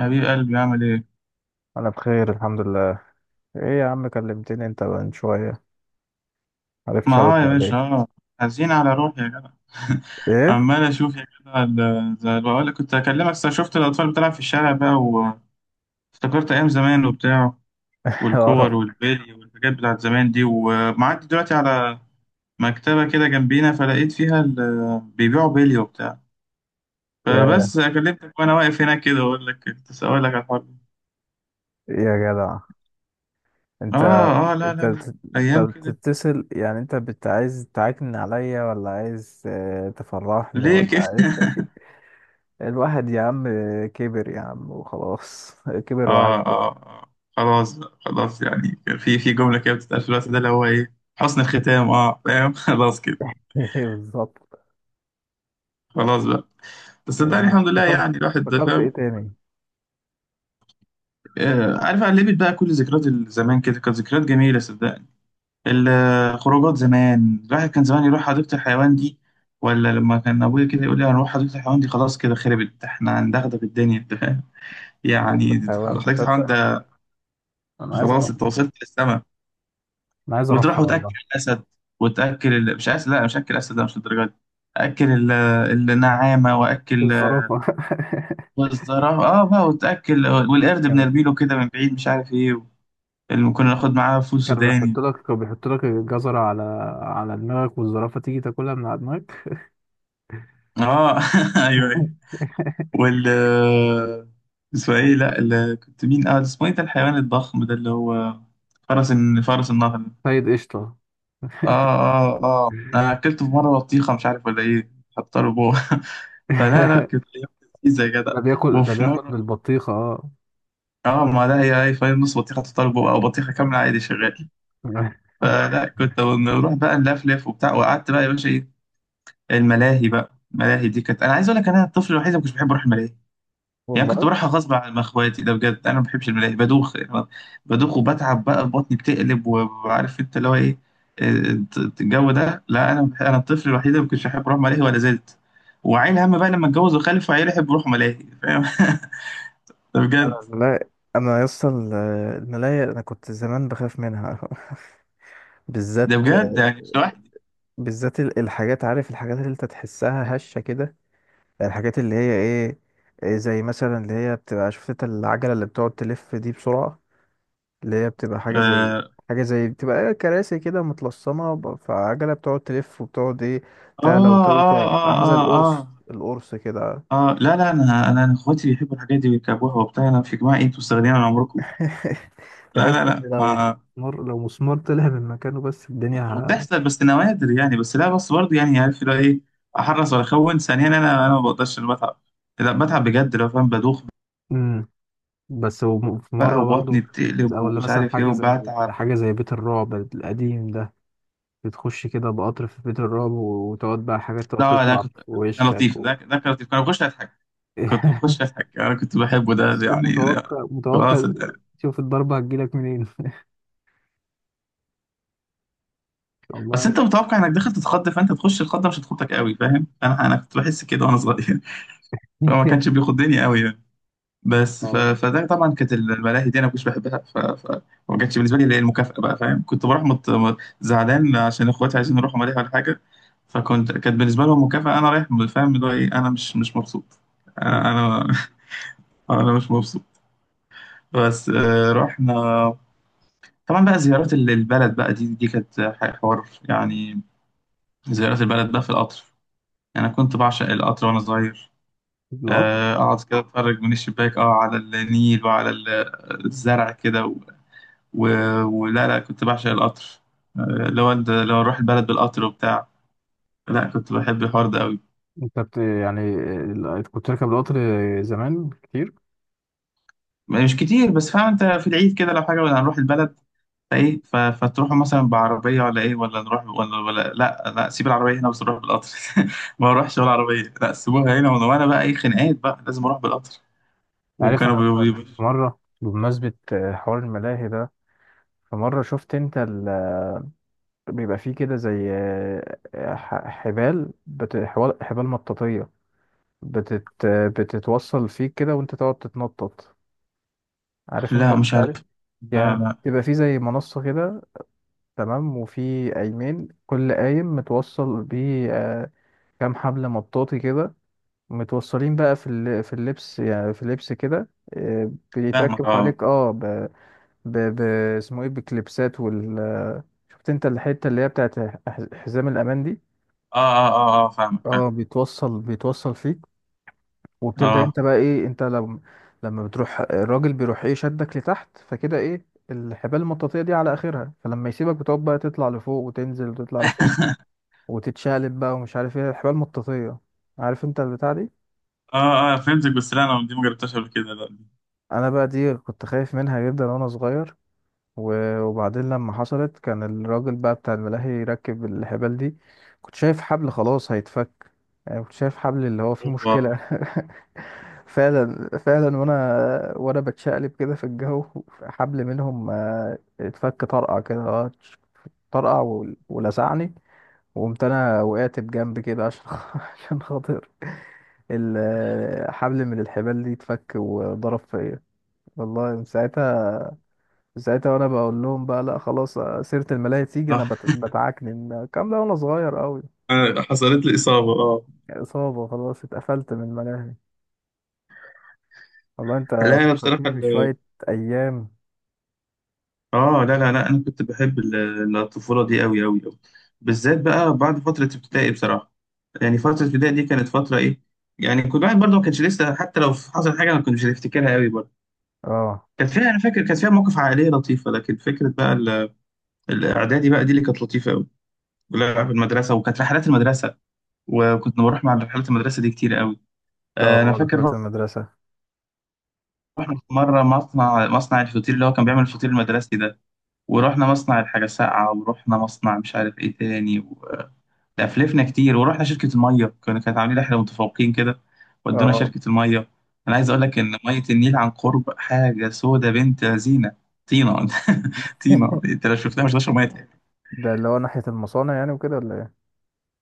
حبيب قلبي عامل ايه؟ انا بخير الحمد لله. ايه يا عم، كلمتني انت من شويه. ما معرفتش اه ارد يا عليك. باشا اه، حزين على روحي يا جدع ايه. عمال اشوف يا جدع، زي ما بقول لك كنت اكلمك صح، شفت الاطفال بتلعب في الشارع بقى، وافتكرت ايام زمان وبتاع، والكور اه والبلي والحاجات بتاعت زمان دي، ومعدي دلوقتي على مكتبة كده جنبينا، فلقيت فيها بيبيعوا بلي وبتاع. يا فبس كلمتك وانا واقف هناك كده اقول لك كنت اسالك على الحوار ده. يا جدع. انت اه اه، لا انت لا لا ايام أنت كده. بتتصل، يعني انت بت عايز تعكن عليا ولا عايز تفرحني ليه ولا كده؟ عايز؟ الواحد يا عم، كبر يا عم وخلاص. كبر اه وعجل. اه آه. خلاص بقى، خلاص، يعني في جملة كده بتتقال في الوقت ده اللي هو ايه، حسن الختام، اه فاهم؟ خلاص كده، بالظبط. خلاص بقى. بس صدقني آه، الحمد لله، افتكرت يعني الواحد ده افتكرت ايه فاهم. تاني؟ آه عارف، قلبت بقى كل ذكريات زمان كده، كانت ذكريات جميلة صدقني. الخروجات زمان، الواحد كان زمان يروح حديقة الحيوان دي، ولا لما كان ابويا كده يقول لي هنروح حديقة الحيوان دي، خلاص كده خربت، احنا هندغدغ الدنيا، انت فاهم، يعني حيوان، حديقة الحيوان تصدق ده انا عايز خلاص اروح انت وصلت للسما. انا عايز وتروح اروحها وتاكل والله. الاسد، وتاكل مش اسد، لا مش اكل اسد، لا مش الدرجه دي. اكل النعامه، واكل الزرافه. والزرافه اه بقى، وتاكل، والقرد جدع، بنرميله كده من بعيد مش عارف ايه، اللي كنا ناخد معاه فول كان سوداني. بيحط لك كان بيحط لك الجزرة على دماغك، والزرافة تيجي تاكلها من على دماغك. اه ايوه ايوه. وال اسمه ايه، لا ال... كنت مين، اه اسمه ايه ده الحيوان الضخم ده اللي هو فرس فرس النهر. سيد قشطة. اه اه اه، انا اكلته في مره بطيخه مش عارف ولا ايه، حط له جوه فلا لا، كانت ايام لذيذه يا جدع. ده بياكل ده وفي بياكل مره بالبطيخة، اه. اه، ما لا هي هاي فاهم، نص بطيخه تطلب او بطيخه كامله عادي شغال. فلا كنت نروح بقى نلفلف وبتاع، وقعدت بقى يا باشا ايه، الملاهي بقى. الملاهي دي كانت، انا عايز اقول لك، انا الطفل الوحيد اللي ما كنتش بحب اروح الملاهي. يعني كنت والله بروحها غصب عن اخواتي، ده بجد انا ما بحبش الملاهي، بدوخ يعني، بدوخ وبتعب بقى، بطني بتقلب وعارف انت اللي هو ايه الجو ده. لا انا انا الطفل الوحيد اللي ما كنتش بحب اروح ملاهي ولا زلت. وعيل هم بقى لما اتجوز وخلف، وعيل يحب يروح ملاهي فاهم ده بجد. انا الملاهي، انا يا اسطى الملاهي، انا كنت زمان بخاف منها. بالذات ده بجد يعني مش لوحدي. بالذات الحاجات، عارف الحاجات اللي انت تحسها هشه كده. يعني الحاجات اللي هي ايه؟ إيه، زي مثلا اللي هي بتبقى، شفت انت العجله اللي بتقعد تلف دي بسرعه، اللي هي بتبقى حاجة زي، آه، حاجة زي بتبقى ايه، كراسي كده متلصمة فعجلة بتقعد تلف وبتقعد ايه، تعلى آه آه وتوطى، آه عاملة زي آه القرص آه القرص كده. آه. لا لا، أنا إخواتي بيحبوا الحاجات دي ويركبوها وبتاع، أنا في جماعة إيه، أنتوا مستغنيين عن عمركم. لا لا تحس ان لا لو ما مسمار لو مسمار طلع من مكانه، بس الدنيا بتحصل بس نوادر يعني، بس لا، بس برضه يعني عارف اللي هو إيه، أحرص ولا أخون ثانيا. أنا ما بقدرش، أنا بتعب، لا بتعب بجد لو فاهم، بدوخ امم. بس هو في بقى مرة وبطني برضو، بتقلب أو ولا ومش مثلا عارف إيه حاجة زي، وبتعب. حاجة زي بيت الرعب القديم ده، بتخش كده بقطر في بيت الرعب وتقعد بقى حاجات تقعد لا لا، تطلع في كان وشك لطيف ده، ده كان لطيف، كنت بخش أضحك. كنت بخش أضحك، أنا كنت بحبه ده، بس تكون يعني ده. متوقع، متوقع خلاص. شوف الضربة هتجيلك منين، بس والله. انت متوقع انك داخل تتخض، فانت تخش الخضه مش هتخضك قوي فاهم، انا كنت بحس كده وانا صغير فهو ما كانش بياخد دنيا قوي يعني. بس والله فده طبعا، كانت الملاهي دي انا ما كنتش بحبها ما كانتش بالنسبه لي اللي هي المكافاه بقى فاهم. كنت بروح زعلان عشان اخواتي عايزين يروحوا ملاهي ولا حاجه. فكنت، كانت بالنسبه لهم مكافاه، انا رايح فاهم اللي هو ايه، انا مش مبسوط. انا انا انا مش مبسوط. بس آه، رحنا. طبعا بقى زيارات البلد بقى، دي كانت حوار يعني. زيارات البلد بقى في القطر، يعني أنا كنت بعشق القطر وأنا صغير. القطر، آه، أقعد كده أتفرج من الشباك أه، على النيل وعلى الزرع كده و... ولا لا، كنت بعشق القطر. آه، لو أروح البلد بالقطر وبتاع، لا كنت بحب الحوار ده أوي. انت يعني كنت راكب القطر زمان كتير. مش كتير، بس فاهم أنت في العيد كده لو حاجة ولا هنروح البلد، فإيه فتروحوا مثلا بعربية ولا إيه، ولا نروح ولا، ولا لا لا سيب العربية هنا بس نروح بالقطر ما بروحش ولا عربية، لا سيبوها هنا، وأنا بقى إيه، خناقات بقى لازم أروح بالقطر. عارف وكانوا انا في بيقولوا، مره، بمناسبه حوار الملاهي ده، في مره شفت انت بيبقى فيه كده زي حبال، حبال مطاطيه، بتتوصل فيك كده، وانت تقعد تتنطط. عارف انت لا مش البتاع عارف. دي؟ لا يعني لا بيبقى فيه زي منصه كده، تمام، وفي قايمين، كل قايم متوصل بيه كام حبل مطاطي كده، متوصلين بقى في اللبس، يعني في اللبس كده، فاهمك بيتركب اه. حواليك، اه، ب... ب... اسمه ايه، بكليبسات، وال شفت انت الحتة اللي هي بتاعت حزام الأمان دي. اه, آه فاهمك اه، فاهم. بيتوصل فيك، وبتبدأ اه انت بقى ايه، انت لما بتروح، الراجل بيروح ايه، شدك لتحت، فكده ايه، الحبال المطاطية دي على آخرها، فلما يسيبك بتقعد بقى تطلع لفوق وتنزل وتطلع لفوق وتتشقلب بقى، ومش عارف ايه الحبال المطاطية. عارف انت البتاع دي؟ اه اه فهمتك، بس لا انا دي ما جربتهاش قبل كده، لا دي. انا بقى دي كنت خايف منها جدا وانا صغير، وبعدين لما حصلت كان الراجل بقى بتاع الملاهي يركب الحبال دي، كنت شايف حبل خلاص هيتفك، يعني كنت شايف حبل اللي هو فيه اوبا. مشكلة. فعلا فعلا، وانا بتشقلب كده في الجو، حبل منهم اتفك طرقع كده، طرقع ولسعني، وقمت انا وقعت بجنب كده عشان عشان خاطر الحبل، من الحبال دي اتفك وضرب فيا. والله من ساعتها وانا بقول لهم بقى، لا خلاص سيرة الملاهي تيجي انا اه بتعكنن الكلام ده وانا صغير قوي، آه، حصلت لي اصابه اه. اصابة خلاص، اتقفلت من الملاهي. والله انت لا انا بصراحه فكرتني بشوية ايام. اه لا انا كنت بحب الطفوله دي قوي قوي. بالذات بقى بعد فتره ابتدائي بصراحه، يعني فتره ابتدائي دي كانت فتره ايه يعني، كل واحد برضه ما كانش لسه، حتى لو حصل حاجه انا كنت مش هفتكرها قوي برضه. اه كانت فيها، انا فاكر، كانت فيها مواقف عائليه لطيفه، لكن فكره بقى الاعدادي بقى دي اللي كانت لطيفه قوي. لا في المدرسه، وكانت رحلات المدرسه، وكنت بروح مع رحلات المدرسة دي كتير قوي. آه، أنا اه، رحلات فاكر المدرسة. رحنا في مرة مصنع الفطير اللي هو كان بيعمل الفطير المدرسي ده. ورحنا مصنع الحاجة ساقعة، ورحنا مصنع مش عارف إيه تاني لا، فلفنا كتير. ورحنا شركة المية، كانوا كانت عاملين رحلة متفوقين كده، ودونا اه، شركة المية. أنا عايز أقول لك إن مية النيل عن قرب حاجة سودة بنت زينة، طينة طينة أنت لو شفتها مش هتشرب. ده اللي هو ناحية المصانع يعني وكده ولا ايه؟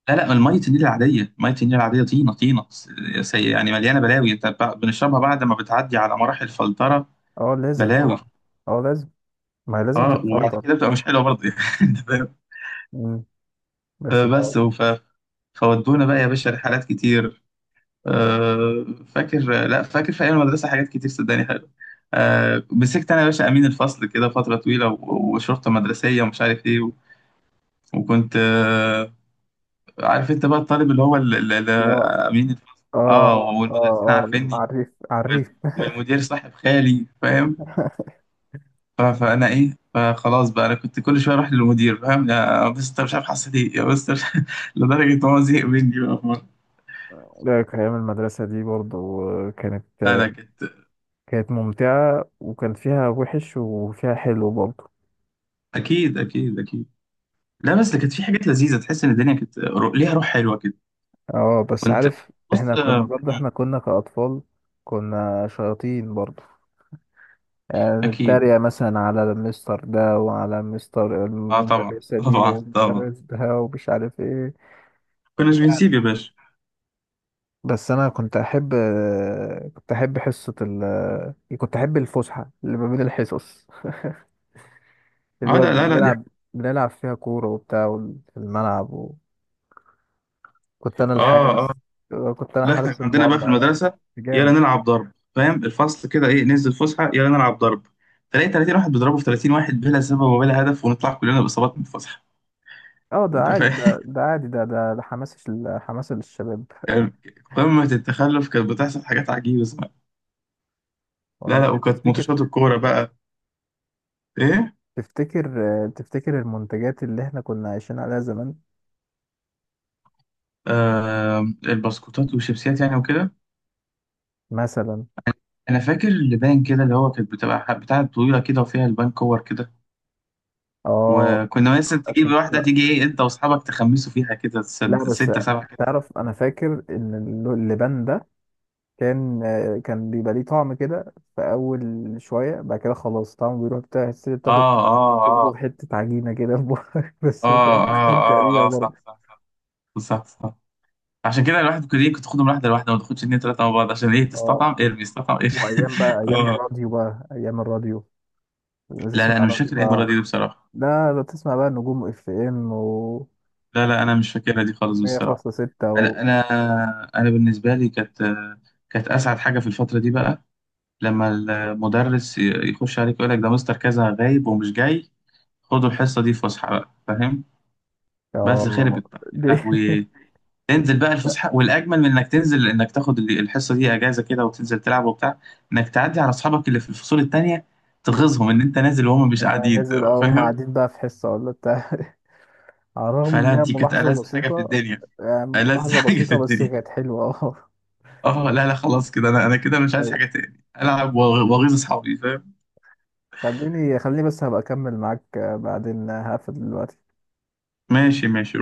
لا لا، المية النيل العادية، مية النيل العادية، طينة سي يعني، مليانة بلاوي، انت بنشربها بعد ما بتعدي على مراحل فلترة. اه لازم بلاوي. طبعا. اه لازم، ما هي لازم اه وبعد تتفلتر. كده بتبقى مش حلوة برضه يعني فاهم؟ مم. بس ده فبس فودونا بقى يا باشا رحلات كتير. آه فاكر، لا فاكر في ايام المدرسة حاجات كتير صدقني حلوة. آه مسكت انا يا باشا امين الفصل كده فترة طويلة، وشرطة مدرسية ومش عارف ايه وكنت آه، عارف انت بقى الطالب اللي هو لا، آه، امين الفصل. اه اه اه والمدرسين اه اه، عارفيني، عريف عريف. والمدير صاحب خالي فاهم. فانا ايه، فخلاص بقى انا كنت كل شويه اروح للمدير فاهم، يا مستر مش عارف حصل ايه، يا مستر مش لدرجه ان هو زهق مني بقى في مرة. لا، أيام المدرسة دي برضو كانت لا لا كانت. كانت ممتعة، وكان فيها وحش وفيها حلو برضه. اكيد اكيد. لا بس كانت في حاجات لذيذه، تحس ان الدنيا كانت ليها روح حلوه كده. اه بس كنت عارف، بص احنا آه، كنا برضه، م، احنا كنا كأطفال كنا شياطين برضه، يعني اكيد. نتريق مثلا على المستر ده وعلى مستر اه طبعا المدرسة دي طبعا طبعا. والمدرس ده ومش عارف ايه. كناش بنسيب يا باشا. بس انا كنت احب حصة ال كنت احب الفسحة اللي ما بين الحصص، اللي اه هو لا لا لا دي. بنلعب فيها كورة وبتاع، في الملعب. كنت انا اه آه. الحارس كنت انا لا احنا حارس كان عندنا بقى في المرمى. المدرسه، يلا جامد. نلعب ضرب فاهم، الفصل كده ايه، ننزل فسحه يلا نلعب ضرب. تلاقي 30 واحد بيضربوا في 30 واحد بلا سبب وبلا هدف، ونطلع كلنا باصابات من الفسحه. اه، ده انت عادي، فاهم ده عادي، ده حماس حماس للشباب. كان قمه التخلف، كانت بتحصل حاجات عجيبه صراحة. لا والله لا، وكانت تفتكر ماتشات الكوره بقى ايه، تفتكر تفتكر المنتجات اللي احنا كنا عايشين عليها زمان؟ آه البسكوتات والشيبسيات يعني وكده. مثلا، انا فاكر اللبان كده اللي هو كانت بتبقى بتاعه طويله كده وفيها البان كور كده، اه وكنا مثلا تجيب أكيد. واحده تيجي ايه انت واصحابك تخمسوا فيها كده، لا بس سته سبعه كده. تعرف، انا فاكر ان اللبان ده كان بيبقى ليه طعم كده في اول شويه، بعد كده خلاص طعمه بيروح بتاع، تاخد اه اه تاخده آه. حته عجينه كده في بقك. بس بتبقى اه اه مستمتع بيها اه صح برضه. صح، صح. عشان كده الواحد كل يوم كنت تاخدهم واحده لواحده، ما تاخدش اتنين تلاته مع بعض، عشان ايه، اه، تستطعم ارمي استطعم ارمي وايام بقى ايام اه الراديو، بقى ايام الراديو، لا بتسمع لا انا مش راديو فاكر ايه المره بقى. دي بصراحه، لا لا، بتسمع بقى نجوم FM و لا لا انا مش فاكرها دي خالص بصراحه. 100.6، و انا انا انا بالنسبه لي كانت، كانت اسعد حاجه في الفتره دي بقى، لما المدرس يخش عليك يقول لك ده مستر كذا غايب ومش جاي، خدوا الحصه دي فسحه بقى فاهم. بس اه خربت بقى. دي. يا لهوي، تنزل بقى الفسحه، والاجمل من انك تنزل انك تاخد الحصه دي اجازه كده وتنزل تلعب وبتاع، انك تعدي على اصحابك اللي في الفصول التانيه تغيظهم ان انت نازل وهم مش أنا قاعدين نزل، هم فاهم. قاعدين بقى في حصة ولا بتاع. على الرغم ان فلا هي دي كانت ملاحظة ألذ حاجه في بسيطة، الدنيا، يعني ألذ ملاحظة حاجه في بسيطة بس الدنيا. كانت حلوة. اه لا لا، خلاص كده انا، انا كده مش اه عايز طيب، حاجه تاني، العب واغيظ اصحابي فاهم. خليني خليني، بس هبقى اكمل معاك بعدين، هقفل دلوقتي. ماشي ماشي.